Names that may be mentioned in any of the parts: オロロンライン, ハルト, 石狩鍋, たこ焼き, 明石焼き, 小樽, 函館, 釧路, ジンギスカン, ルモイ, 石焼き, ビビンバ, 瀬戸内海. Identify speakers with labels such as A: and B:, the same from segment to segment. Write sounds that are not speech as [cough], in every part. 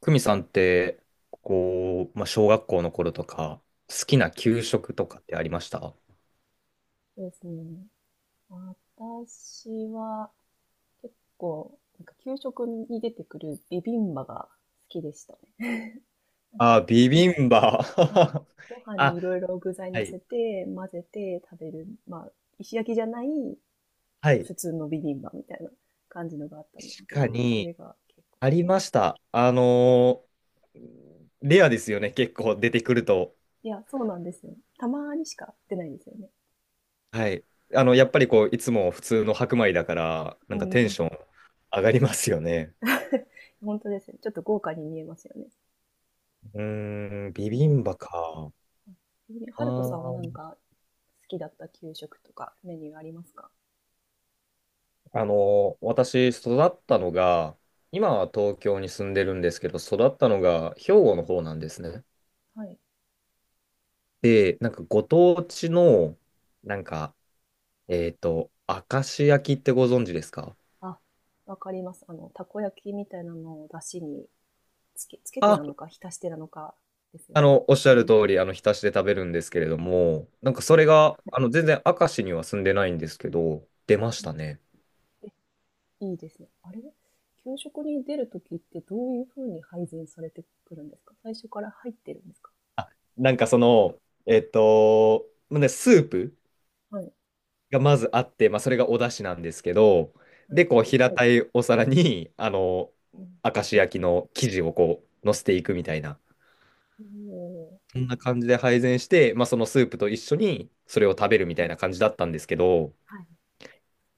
A: 久美さんって、こう、まあ、小学校の頃とか、好きな
B: はい、
A: 給食とかってありました？
B: そうですね。私は結構、なんか給食に出てくるビビンバが好きでしたね。なん
A: あ、
B: か、
A: ビビンバ。
B: はい。
A: [laughs]
B: ご飯に
A: あ、
B: いろいろ具材
A: は
B: 乗
A: い。
B: せて、混ぜて食べる、まあ、石焼きじゃない
A: はい。
B: 普通のビビンバみたいな感じのがあったんです
A: 確
B: け
A: か
B: ど、そ
A: に、
B: れが結構好
A: あ
B: き
A: り
B: でし
A: ま
B: た。
A: した。レアですよね、結構出てくると。
B: いや、そうなんですよ。たまにしか出ないですよね。
A: はい。やっぱりこう、いつも普通の白米だから、な
B: う
A: んかテン
B: ん。
A: ション上がりますよね。
B: [laughs] 本当ですね。ちょっと豪華に見えますよね。
A: うーん、ビ
B: う
A: ビ
B: ん。
A: ンバか。あ
B: ハルトさんはなん
A: ー
B: か好きだった給食とかメニューありますか？
A: 私、育ったのが、今は東京に住んでるんですけど、育ったのが兵庫の方なんですね。
B: はい。
A: で、なんかご当地の、なんか、えっと、明石焼きってご存知ですか？
B: あ、わかります。あの、たこ焼きみたいなのを出汁につけて
A: あ、
B: なのか、浸してなのかですよね。
A: おっしゃる通り、浸しで食べるんですけれども、なんかそ
B: は
A: れ
B: い。
A: が、全然明石には住んでないんですけど、出まし
B: うん。
A: たね。
B: え、いいですね。あれ、給食に出るときってどういうふうに配膳されてくるんですか？最初から入ってるんですか？
A: あ、なんかその、まあね、スープ
B: はい。
A: がまずあって、まあ、それがお出汁なんですけど、
B: は
A: で、
B: い。
A: こう、平たいお皿に、
B: うん。
A: 明石焼きの生地をこう、乗せていくみたいな、
B: おー。
A: そんな感じで配膳して、まあ、そのスープと一緒にそれ
B: は
A: を
B: い。
A: 食べるみたいな感じだったんですけど、
B: はい。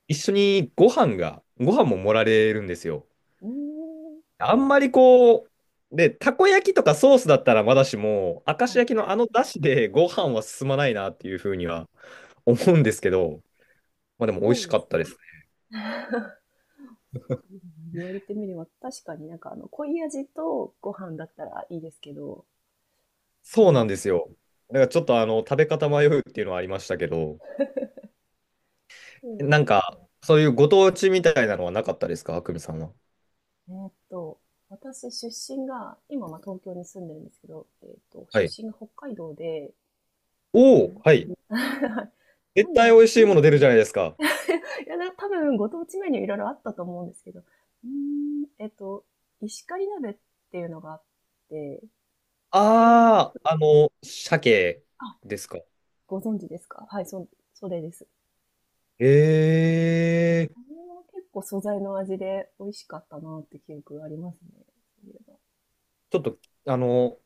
A: 一緒にご飯が、ご飯も盛られるんですよ。
B: うーん。
A: あんまりこう、で、たこ焼きとかソースだったらまだしも、明石
B: はい。
A: 焼きのあの出汁でご飯は進まないなっていうふうには思うんですけど、まあでも美味
B: そう
A: し
B: で
A: か
B: す
A: った
B: ね。
A: です。
B: 言われてみれば確かになんかあの濃い味とご飯だったらいいですけど、う
A: そうなん
B: ん。
A: ですよ。だからちょっと食べ方迷うっていうのはありましたけど、
B: うん、
A: なんかそういうご当地みたいなのはなかったですか、あくみさんは？
B: えーっと私出身が今まあ東京に住んでるんですけど、
A: は
B: 出
A: い。
B: 身が北海道で。う
A: おお、
B: ん。
A: はい。
B: [laughs]
A: 絶
B: 何
A: 対
B: が、
A: 美味しいもの出るじゃないですか。
B: いやな、多分ご当地メニューいろいろあったと思うんですけど、うーん、石狩鍋っていうのがあって、それは、
A: ああ、鮭
B: あ、
A: ですか？
B: ご存知ですか？はい、それです、うん。
A: え
B: あ
A: え、
B: れは結構素材の味で美味しかったなって記憶がありますね。そういえば。
A: ちょっと、あの、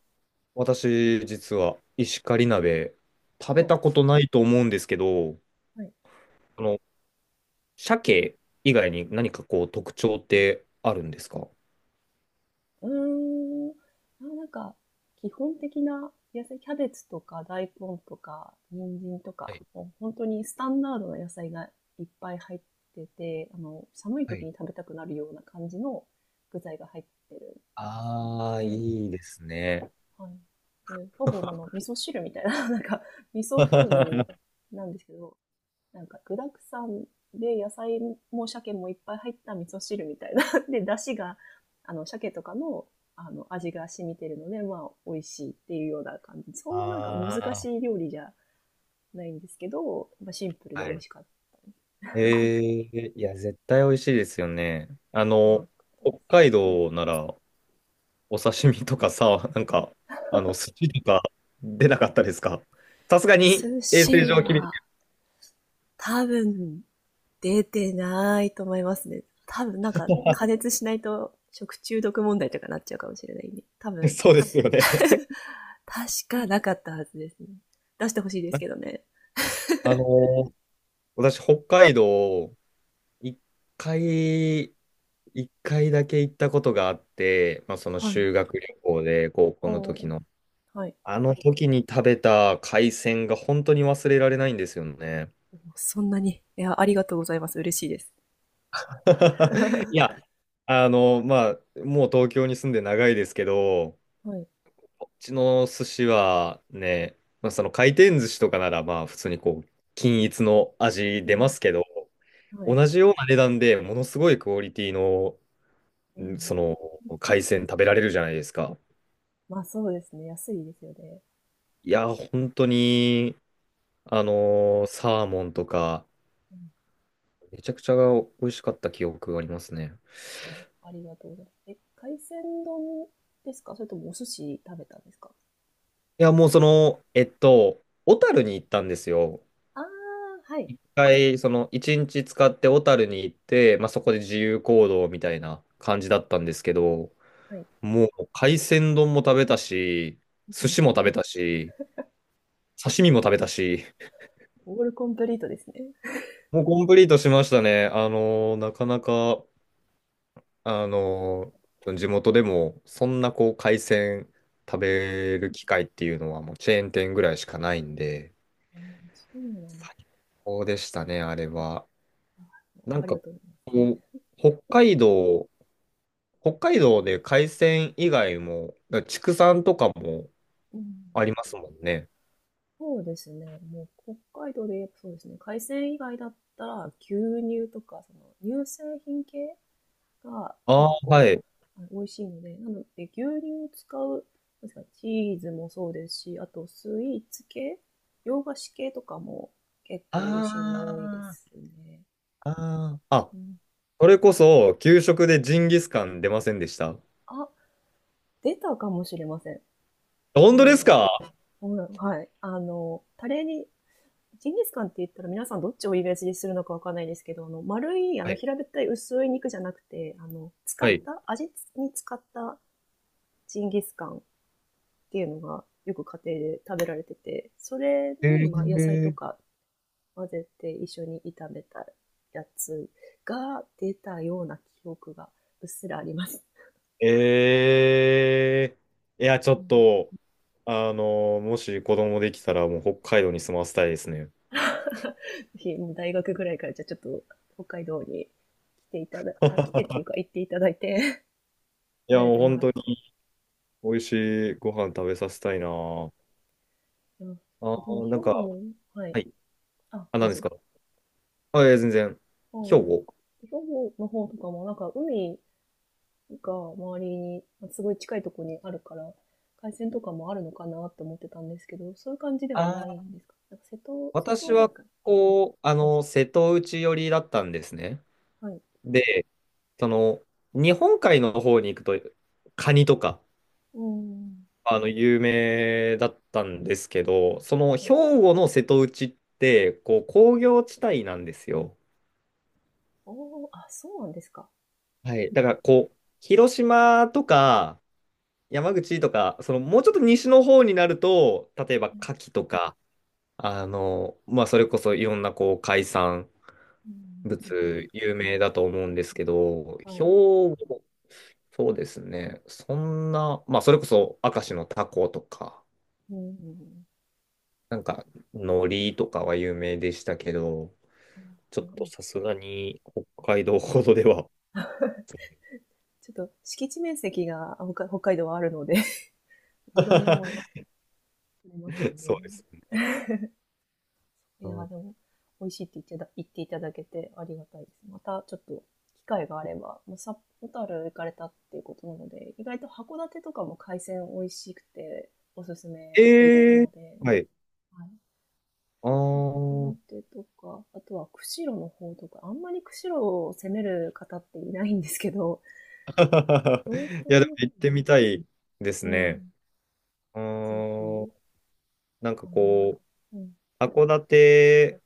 A: 私、実は、石狩鍋、食べ
B: はい。
A: たことないと思うんですけど、
B: はい。
A: あの、鮭以外に何かこう、特徴ってあるんですか？は
B: うん。うーん。あ、なんか、基本的な野菜、キャベツとか大根とか人参とか、
A: い。
B: もう本当にスタンダードな野菜がいっぱい入ってて、あの、寒い
A: は
B: 時
A: い。
B: に食べたくなるような感じの具材が入ってるんですよ
A: ああ、
B: ね。で、
A: いいですね。
B: はい。で、ほぼ、あの、味噌汁みたいな、[laughs] なんか、味噌風味
A: [laughs]
B: なんですけど、なんか具だくさんで野菜も鮭もいっぱい入った味噌汁みたいな [laughs]。で、出汁が、あの、鮭とかの、あの、味が染みてるので、まあ、美味しいっていうような感じ。そんななんか難し
A: あ
B: い
A: あ、
B: 料理じゃないんですけど、まあシンプルで
A: は
B: 美味
A: い。
B: しかっ
A: ええ、いや、絶対美味しいですよね。
B: たったで
A: 北海道なら、お刺身とかさ、なんか、寿司とか出なかったですか？さすがに
B: す。寿
A: 衛生
B: 司
A: 上厳し
B: は、多分、出てないと思いますね。多分、なん
A: い。
B: か、加
A: [laughs]
B: 熱しないと食中毒問題とかなっちゃうかもしれないんで。多分、
A: そうですよね。
B: [laughs] 確かなかったはずですね。出してほしいですけど
A: [laughs]
B: ね。
A: あの、私、北海道、一回、一回だけ行ったことがあって、まあ、その
B: はい。
A: 修学旅行で、高校の
B: お
A: 時
B: ー、
A: の。
B: はい。
A: あの時に食べた海鮮が本当に忘れられないんですよね。
B: おー、そんなに。いや、ありがとうございます。嬉しいです。
A: [laughs] いや、まあ、もう東京に住んで長いですけど、
B: はい。
A: こっちの寿司はね、まあ、その回転寿司とかなら、まあ、普通にこう、均一の味
B: う
A: 出ま
B: ん。
A: すけど、
B: はい。
A: 同じような値段でものすごいクオリティの、
B: う
A: ん
B: ん。
A: その、海鮮食べられるじゃないですか。
B: まあそうですね。安いですよね。
A: いや、本当に、サーモンとか、
B: うん。
A: めちゃくちゃ美味しかった記憶がありますね。
B: いや、ありがとうございます。え、海鮮丼ですか？それともお寿司食べたんですか？
A: いや、もうその、小樽に行ったんですよ。
B: ああ、はい。
A: 一回、その、一日使って小樽に行って、まあ、そこで自由行動みたいな感じだったんですけど、
B: はい。
A: もう、海鮮丼も食べたし、
B: う
A: 寿
B: ん。
A: 司も食べたし、刺身も食べたし、
B: オールコンプリートですね。
A: もうコンプリートしましたね。あのーなかなか、
B: う
A: あ
B: ん、
A: のー地元でも、そんなこう、海鮮食
B: うん、
A: べる機会っていうのは、もうチェーン店ぐらいしかないんで、
B: そうなんです
A: そうでしたね、あれは。
B: か。
A: な
B: あ
A: ん
B: り
A: か、
B: が
A: こ
B: とうございます。
A: う、北海道、北海道で海鮮以外も、だから畜産とかも
B: うん。
A: ありますもんね。
B: そうですね。もう北海道でやっぱそうですね。海鮮以外だったら牛乳とかその乳製品系が
A: ああ、
B: 結構
A: はい。
B: あ、美味しいので、なので牛乳を使う、なんですか、チーズもそうですし、あとスイーツ系、洋菓子系とかも結
A: あ
B: 構美味しいの多いですね。
A: あ、ああ。あ、
B: うん、
A: それこそ、給食でジンギスカン出ませんでした？
B: あ、出たかもしれません。そ
A: 本
B: う
A: 当
B: いえ
A: です
B: ば。
A: か？
B: ほら、はい。あの、タレにジンギスカンって言ったら皆さんどっちをイメージするのかわかんないですけど、あの、丸い、あ
A: は
B: の、
A: い。
B: 平べったい薄い肉じゃなくて、あの、使
A: は
B: っ
A: い。
B: た、味に使ったジンギスカンっていうのがよく家庭で食べられてて、それ
A: え
B: に、まあ、野菜と
A: ー、
B: か混ぜて一緒に炒めたやつが出たような記憶がうっすらあります。
A: えいや、ちょっと、もし子供できたら、もう北海道に住まわせたいですね。
B: [laughs] ひ、もうん [laughs] 大学ぐらいからじゃあちょっと北海道に来てっていう
A: [laughs]
B: か行っていただいて、[laughs]
A: いや、
B: 慣れ
A: もう
B: ても
A: 本
B: らっ
A: 当
B: て、
A: に美味しいご飯食べさせたいな。
B: います。
A: あ
B: え、でも
A: ー、
B: 兵
A: なん
B: 庫
A: か、
B: も、はい。
A: はい。
B: あ、
A: あ、
B: どう
A: 何です
B: ぞ。
A: か？あ、いや、全然。
B: あ、
A: 兵
B: はい。
A: 庫。
B: 兵庫の方とかも、なんか海が周りに、すごい近いところにあるから、海鮮とかもあるのかなって思ってたんですけど、そういう感じで
A: あ
B: はないん
A: ー、
B: ですか？なんか瀬戸、瀬戸
A: 私
B: 内
A: は、
B: 海はい。
A: こう、瀬戸内寄りだったんですね。
B: はい。
A: で、その、日本海の方に行くと、カニとか、
B: うん。
A: 有名だったんですけど、その、
B: は
A: 兵
B: い。
A: 庫の瀬戸内って、こう、工業地帯なんですよ。
B: おー、あ、そうなんですか。
A: はい。だから、こう、広島とか、山口とか、その、もうちょっと西の方になると、例えば、牡蠣とか、まあ、それこそいろんなこう海産
B: はい、うん、うん、うん、
A: 物有名だ
B: 確
A: と思うんですけど、
B: かに。は
A: 兵
B: い。
A: 庫、そうですね。そんな、まあ、それこそ明石のタコとか、
B: うん、うん、うん。
A: なんか、海苔とかは有名でしたけど、
B: あ
A: ちょ
B: ー、
A: っ
B: い
A: と
B: い。
A: さすがに北海道ほどでは。
B: ちょっと敷地面積が、あ、北海道はあるので [laughs] いろんなもの
A: [laughs]
B: 取れますよ
A: そうで
B: ね。
A: すね。
B: いや、でも、美味しいって言っていただけてありがたいです。またちょっと機会があれば、まあ、小樽行かれたっていうことなので、意外と函館とかも海鮮美味しくておすすめな
A: ええ
B: の
A: ー、
B: で、
A: はい。
B: はい。
A: あー。
B: 函館とか、あとは釧路の方とか、あんまり釧路を攻める方っていないんですけど、
A: [laughs]
B: 道
A: いや、で
B: 東
A: も
B: の方
A: 行って
B: に、
A: みたいです
B: う
A: ね。
B: ん、
A: う
B: ぜ
A: ーん、
B: ひ、
A: なんか
B: あの、
A: こ
B: うん、
A: う、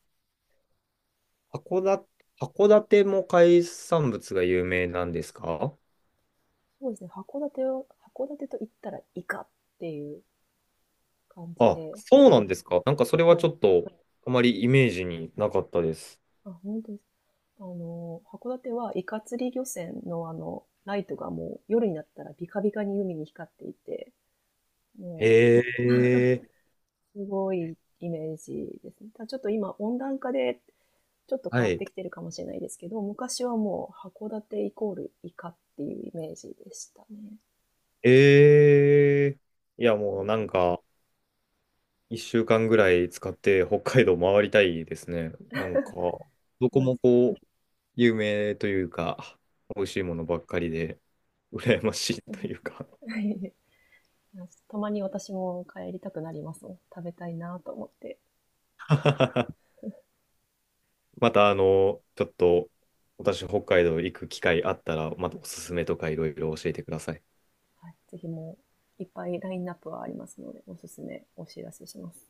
A: 函館、函館も海産物が有名なんですか？
B: そうですね、函館と言ったらイカっていう感じ
A: あ、
B: で、
A: そうなんですか。なんかそれは
B: は
A: ちょ
B: い。
A: っとあまりイメージになかったです。
B: あ、本当です。あの、函館はイカ釣り漁船のあの、ライトがもう夜になったらビカビカに海に光っていて、も
A: へえ、
B: うすごいイメージですね。ただちょっと今温暖化でちょっと変
A: は
B: わっ
A: い。
B: てきてるかもしれないですけど、昔はもう函館イコールイカっていうイメージでしたね。
A: ええ、いやもうなんか1週間ぐらい使って北海道回りたいですね。なんかどこ
B: はい。
A: もこう有名というか美味しいものばっかりで羨ましいというか。
B: [laughs] たまに私も帰りたくなりますもん。食べたいなと思って。
A: [laughs] また、ちょっと、私、北海道行く機会あったら、またおすすめとかいろいろ教えてください。
B: はい。ぜひもういっぱいラインナップはありますので、おすすめお知らせします。